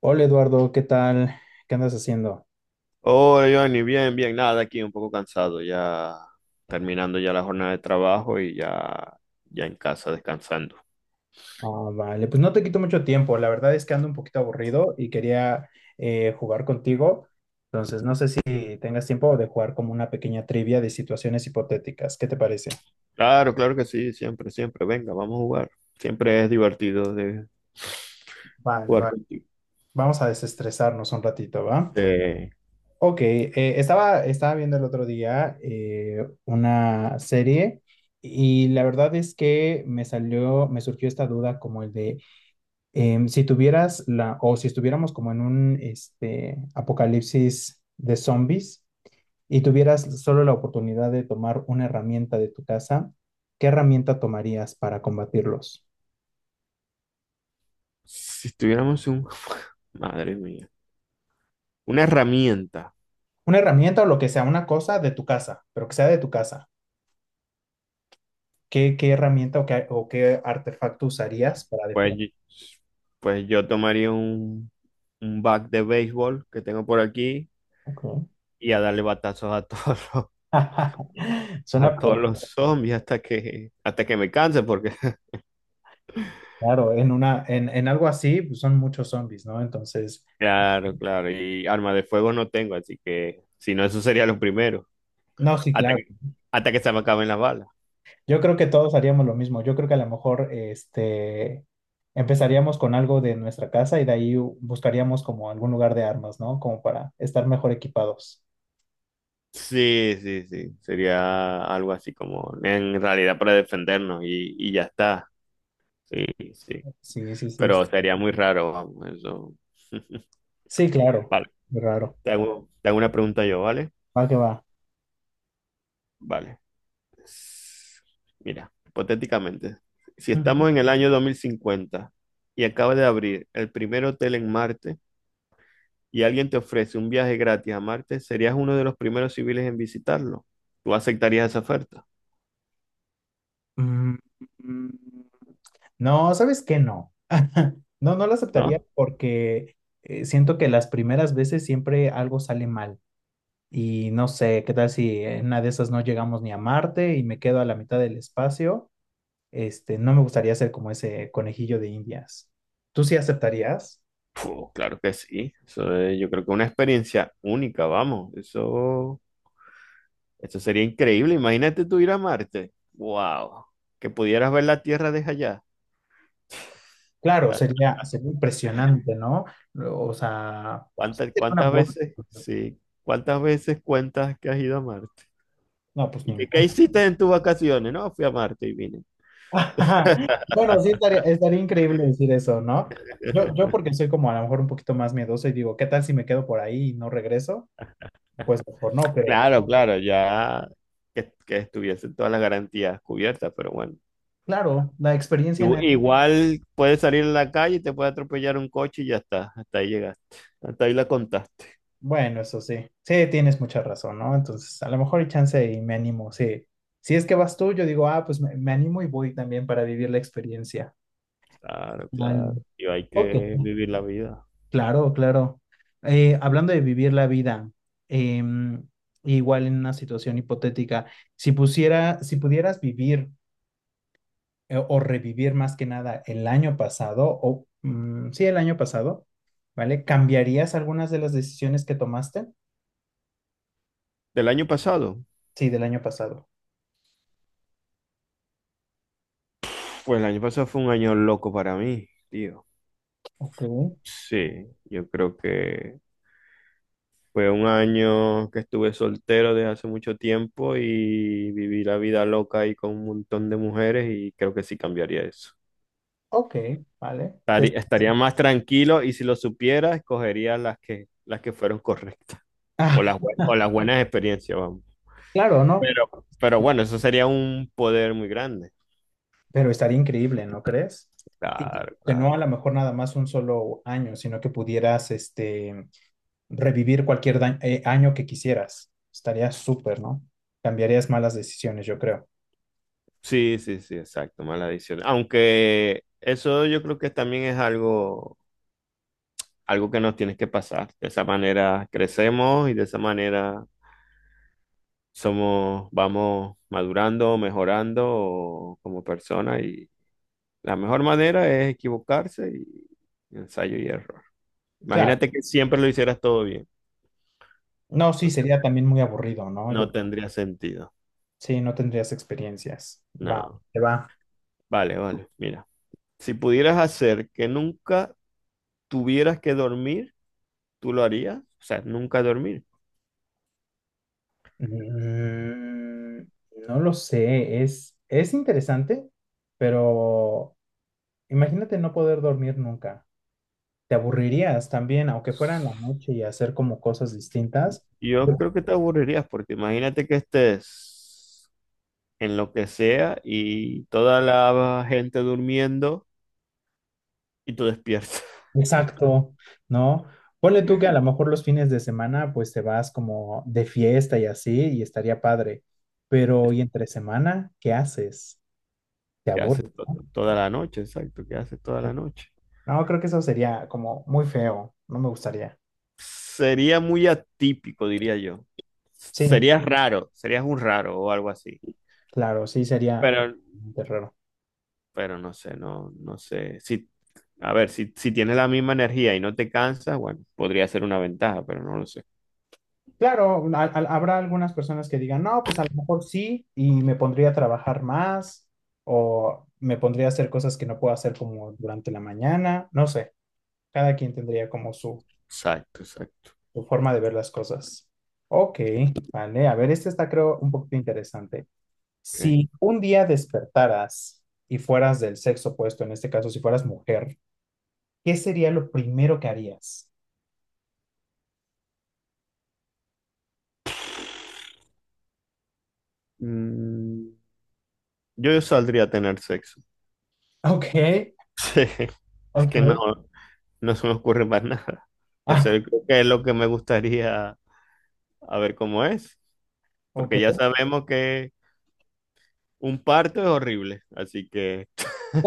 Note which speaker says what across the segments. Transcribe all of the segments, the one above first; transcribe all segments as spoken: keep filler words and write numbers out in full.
Speaker 1: Hola Eduardo, ¿qué tal? ¿Qué andas haciendo?
Speaker 2: Hola, Johnny, bien, bien, nada, aquí un poco cansado, ya terminando ya la jornada de trabajo y ya, ya en casa descansando.
Speaker 1: Ah, vale, pues no te quito mucho tiempo. La verdad es que ando un poquito aburrido y quería eh, jugar contigo. Entonces, no sé si tengas tiempo de jugar como una pequeña trivia de situaciones hipotéticas. ¿Qué te parece?
Speaker 2: Claro, claro que sí, siempre, siempre, venga, vamos a jugar. Siempre es divertido de
Speaker 1: Vale,
Speaker 2: jugar
Speaker 1: vale.
Speaker 2: contigo.
Speaker 1: Vamos a desestresarnos un ratito, ¿va?
Speaker 2: Eh,
Speaker 1: Ok, eh, estaba, estaba viendo el otro día eh, una serie y la verdad es que me salió, me surgió esta duda como el de... Em, si tuvieras la, o si estuviéramos como en un este, apocalipsis de zombies y tuvieras solo la oportunidad de tomar una herramienta de tu casa, ¿qué herramienta tomarías para combatirlos?
Speaker 2: si tuviéramos un, madre mía, una herramienta,
Speaker 1: Una herramienta o lo que sea, una cosa de tu casa, pero que sea de tu casa. ¿Qué, qué herramienta o qué, o qué artefacto usarías para
Speaker 2: pues,
Speaker 1: defender?
Speaker 2: y- pues yo tomaría un, un bat de béisbol que tengo por aquí
Speaker 1: Ok.
Speaker 2: y a darle batazos a todos los,
Speaker 1: Suena
Speaker 2: a todos los
Speaker 1: perfecto.
Speaker 2: zombies hasta que, hasta que me canse, porque
Speaker 1: Claro, en una, en, en algo así, pues, son muchos zombies, ¿no? Entonces,
Speaker 2: claro, claro. Y arma de fuego no tengo, así que si no, eso sería lo primero.
Speaker 1: no, sí,
Speaker 2: Hasta
Speaker 1: claro.
Speaker 2: que, hasta que se me acaben las balas.
Speaker 1: Yo creo que todos haríamos lo mismo. Yo creo que a lo mejor este, empezaríamos con algo de nuestra casa y de ahí u- buscaríamos como algún lugar de armas, ¿no? Como para estar mejor equipados.
Speaker 2: Sí, sí, sí. Sería algo así como en realidad para defendernos y, y ya está. Sí, sí.
Speaker 1: Sí, sí, sí.
Speaker 2: Pero sería muy raro, vamos, eso.
Speaker 1: Sí, claro.
Speaker 2: Vale.
Speaker 1: Raro.
Speaker 2: Te hago, te hago una pregunta yo, ¿vale?
Speaker 1: Va que va.
Speaker 2: Vale. S- Mira, hipotéticamente, si
Speaker 1: Ujú.
Speaker 2: estamos en el año dos mil cincuenta y acaba de abrir el primer hotel en Marte, y alguien te ofrece un viaje gratis a Marte, serías uno de los primeros civiles en visitarlo. ¿Tú aceptarías esa oferta?
Speaker 1: Mm, mm, no, ¿sabes qué? No. No, no lo aceptaría
Speaker 2: ¿No?
Speaker 1: porque eh, siento que las primeras veces siempre algo sale mal. Y no sé, ¿qué tal si en una de esas no llegamos ni a Marte y me quedo a la mitad del espacio? Este, no me gustaría ser como ese conejillo de Indias. ¿Tú sí aceptarías?
Speaker 2: Puh, claro que sí. Eso es- yo creo que es una experiencia única, vamos. Eso, eso sería increíble. Imagínate tú ir a Marte. ¡Wow! Que pudieras ver la Tierra desde allá.
Speaker 1: Claro,
Speaker 2: Ah,
Speaker 1: sería, sería impresionante, ¿no? O sea, sí
Speaker 2: ¿cuántas,
Speaker 1: sería una
Speaker 2: cuántas
Speaker 1: buena.
Speaker 2: veces? Sí. ¿Cuántas veces cuentas que has ido a Marte?
Speaker 1: No, pues
Speaker 2: ¿Y qué, qué
Speaker 1: ninguna.
Speaker 2: hiciste en tus vacaciones? No, fui a Marte y vine.
Speaker 1: Bueno, sí estaría, estaría increíble decir eso, ¿no? Yo, yo porque soy como a lo mejor un poquito más miedoso y digo, ¿qué tal si me quedo por ahí y no regreso? Pues mejor no, pero
Speaker 2: Claro, claro, ya que, que estuviesen todas las garantías cubiertas, pero bueno.
Speaker 1: claro, la experiencia en
Speaker 2: Igu- Igual puedes salir a la calle y te puede atropellar un coche y ya está, hasta ahí llegaste, hasta ahí la contaste.
Speaker 1: bueno, eso sí. Sí, tienes mucha razón, ¿no? Entonces, a lo mejor hay chance y me animo. Sí. Si es que vas tú, yo digo, ah, pues me, me animo y voy también para vivir la experiencia.
Speaker 2: Claro,
Speaker 1: Vale.
Speaker 2: claro, y hay
Speaker 1: Ok.
Speaker 2: que vivir la vida.
Speaker 1: Claro, claro. Eh, hablando de vivir la vida, em, igual en una situación hipotética, si pusiera, si pudieras vivir eh, o revivir más que nada el año pasado, o mm, sí, el año pasado, ¿vale? ¿Cambiarías algunas de las decisiones que tomaste?
Speaker 2: ¿Del año pasado?
Speaker 1: Sí, del año pasado.
Speaker 2: Pues el año pasado fue un año loco para mí, tío.
Speaker 1: Ok.
Speaker 2: Sí, yo creo que fue un año que estuve soltero desde hace mucho tiempo y viví la vida loca ahí con un montón de mujeres y creo que sí cambiaría eso.
Speaker 1: Ok, vale. Te-
Speaker 2: Estari- Estaría más tranquilo y si lo supiera, escogería las que, las que fueron correctas o
Speaker 1: Ah,
Speaker 2: las, bue- o las buenas experiencias, vamos.
Speaker 1: claro, ¿no?
Speaker 2: Pero, pero bueno, eso sería un poder muy grande.
Speaker 1: Pero estaría increíble, ¿no crees? Y
Speaker 2: Claro,
Speaker 1: que no
Speaker 2: claro.
Speaker 1: a lo mejor nada más un solo año, sino que pudieras este, revivir cualquier da- eh, año que quisieras. Estaría súper, ¿no? Cambiarías malas decisiones, yo creo.
Speaker 2: Sí, sí, sí, exacto, mala adicción. Aunque eso yo creo que también es algo, algo que nos tienes que pasar. De esa manera crecemos y de esa manera somos, vamos madurando, mejorando como personas. Y la mejor manera es equivocarse y y ensayo y error.
Speaker 1: Claro.
Speaker 2: Imagínate que siempre lo hicieras todo bien.
Speaker 1: No,
Speaker 2: No,
Speaker 1: sí,
Speaker 2: te-
Speaker 1: sería también muy aburrido, ¿no? Yo,
Speaker 2: no tendría sentido.
Speaker 1: sí, no tendrías experiencias. Va,
Speaker 2: No.
Speaker 1: te va.
Speaker 2: Vale, vale. Mira, si pudieras hacer que nunca tuvieras que dormir, ¿tú lo harías? O sea, nunca dormir.
Speaker 1: Mm, no lo sé, es, es interesante, pero imagínate no poder dormir nunca. Te aburrirías también, aunque fuera en la noche y hacer como cosas distintas.
Speaker 2: Yo
Speaker 1: Bueno,
Speaker 2: creo que te aburrirías porque imagínate que estés en lo que sea y toda la gente durmiendo y tú despiertas.
Speaker 1: exacto, ¿no? Ponle tú que a lo mejor los fines de semana pues te vas como de fiesta y así y estaría padre, pero ¿y entre semana qué haces? Te
Speaker 2: ¿Qué
Speaker 1: aburres,
Speaker 2: haces to-
Speaker 1: ¿no?
Speaker 2: toda la noche? Exacto, ¿qué haces toda
Speaker 1: Sí.
Speaker 2: la noche?
Speaker 1: No, creo que eso sería como muy feo, no me gustaría.
Speaker 2: Sería muy atípico, diría yo.
Speaker 1: Sí,
Speaker 2: Serías raro, serías un raro o algo así.
Speaker 1: claro, sí sería eh,
Speaker 2: Pero,
Speaker 1: raro.
Speaker 2: pero no sé, no, no sé. Si, a ver, si, si tienes la misma energía y no te cansas, bueno, podría ser una ventaja, pero no lo sé.
Speaker 1: Claro, a- a- habrá algunas personas que digan, no, pues a lo mejor sí, y me pondría a trabajar más, o me pondría a hacer cosas que no puedo hacer como durante la mañana, no sé, cada quien tendría como su,
Speaker 2: Exacto, exacto.
Speaker 1: su forma de ver las cosas. Ok, vale, a ver, este está creo un poquito interesante.
Speaker 2: Ok.
Speaker 1: Si un día despertaras y fueras del sexo opuesto, en este caso, si fueras mujer, ¿qué sería lo primero que harías?
Speaker 2: Mm, yo saldría a tener sexo.
Speaker 1: Ok,
Speaker 2: Sí, es
Speaker 1: ok,
Speaker 2: que no, no se me ocurre más nada.
Speaker 1: ah,
Speaker 2: Eso yo creo que es lo que me gustaría, a ver cómo es, porque ya
Speaker 1: ok.
Speaker 2: sabemos que un parto es horrible, así que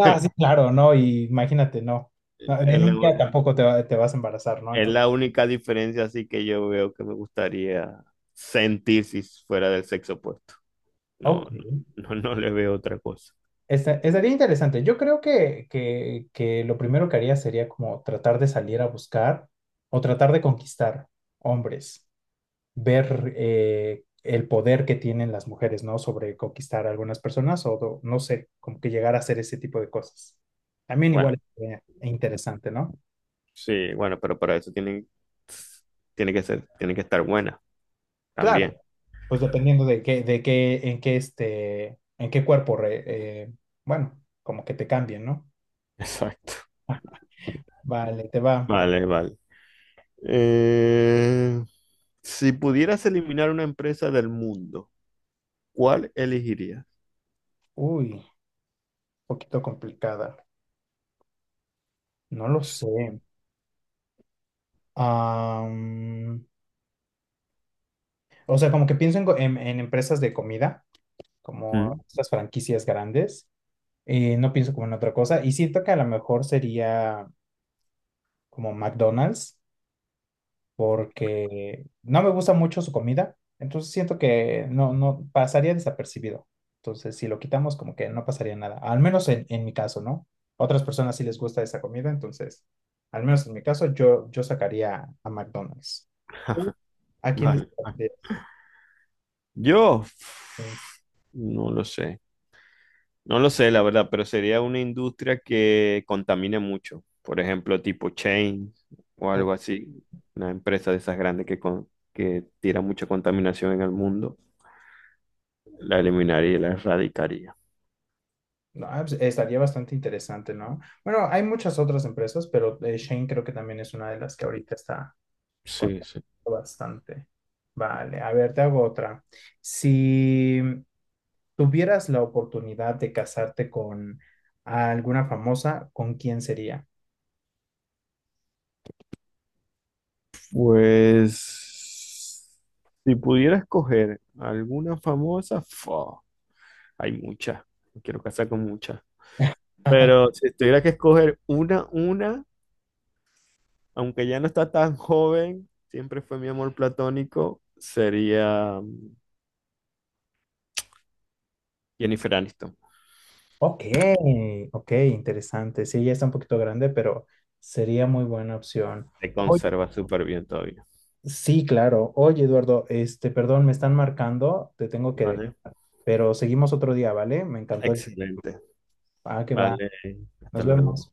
Speaker 1: Ah, sí, claro, ¿no? Y imagínate, no. No,
Speaker 2: es
Speaker 1: en
Speaker 2: la,
Speaker 1: un día
Speaker 2: u-
Speaker 1: tampoco te, va- te vas a embarazar, ¿no?
Speaker 2: es
Speaker 1: Entonces,
Speaker 2: la única diferencia así que yo veo que me gustaría sentir si fuera del sexo opuesto. No,
Speaker 1: ok.
Speaker 2: no, no, no le veo otra cosa.
Speaker 1: Esta- estaría interesante. Yo creo que, que, que lo primero que haría sería como tratar de salir a buscar o tratar de conquistar hombres, ver eh, el poder que tienen las mujeres, ¿no? Sobre conquistar a algunas personas o do- no sé, como que llegar a hacer ese tipo de cosas. También
Speaker 2: Bueno,
Speaker 1: igual es interesante, ¿no?
Speaker 2: sí, bueno, pero para eso tienen, tiene que ser, tiene que estar buena
Speaker 1: Claro.
Speaker 2: también.
Speaker 1: Pues dependiendo de qué, de qué, en qué este, en qué cuerpo, re- eh, bueno, como que te cambien, ¿no?
Speaker 2: Exacto.
Speaker 1: Vale, te va.
Speaker 2: Vale, vale. Eh, si pudieras eliminar una empresa del mundo, ¿cuál elegirías?
Speaker 1: Uy, un poquito complicada. No lo
Speaker 2: Sí.
Speaker 1: sé. Am, o sea, como que pienso en, go- en- en empresas de comida, como
Speaker 2: Mm.
Speaker 1: estas franquicias grandes. Eh, no pienso como en otra cosa. Y siento que a lo mejor sería como McDonald's, porque no me gusta mucho su comida, entonces siento que no, no pasaría desapercibido. Entonces, si lo quitamos, como que no pasaría nada, al menos en, en mi caso, ¿no? Otras personas sí les gusta esa comida, entonces, al menos en mi caso, yo, yo sacaría a McDonald's. ¿Tú ¿a quién
Speaker 2: Vale.
Speaker 1: destacarías?
Speaker 2: Yo.
Speaker 1: Mm,
Speaker 2: No lo sé. No lo sé, la verdad, pero sería una industria que contamine mucho. Por ejemplo, tipo chain o
Speaker 1: o-
Speaker 2: algo así. Una empresa de esas grandes que, con- que tira mucha contaminación en el mundo. La eliminaría y la erradicaría.
Speaker 1: no, ah, pues, estaría bastante interesante, ¿no? Bueno, hay muchas otras empresas, pero eh, Shane creo que también es una de las que ahorita está
Speaker 2: Sí,
Speaker 1: conozco
Speaker 2: sí.
Speaker 1: bastante. Vale, a ver, te hago otra. Si tuvieras la oportunidad de casarte con alguna famosa, ¿con quién sería?
Speaker 2: Pues, si pudiera escoger alguna famosa, fa, hay muchas. Me quiero casar con muchas. Pero si tuviera que escoger una, una. aunque ya no está tan joven, siempre fue mi amor platónico, sería mm, Jennifer Aniston.
Speaker 1: Ok, ok, interesante. Sí, ya está un poquito grande, pero sería muy buena opción.
Speaker 2: Se
Speaker 1: Oye,
Speaker 2: conserva súper bien todavía.
Speaker 1: sí, claro. Oye, Eduardo, este, perdón, me están marcando, te tengo que dejar,
Speaker 2: Vale,
Speaker 1: pero seguimos otro día, ¿vale? Me encantó. El-
Speaker 2: excelente.
Speaker 1: Ah, que va.
Speaker 2: Vale,
Speaker 1: Nos
Speaker 2: hasta luego.
Speaker 1: vemos.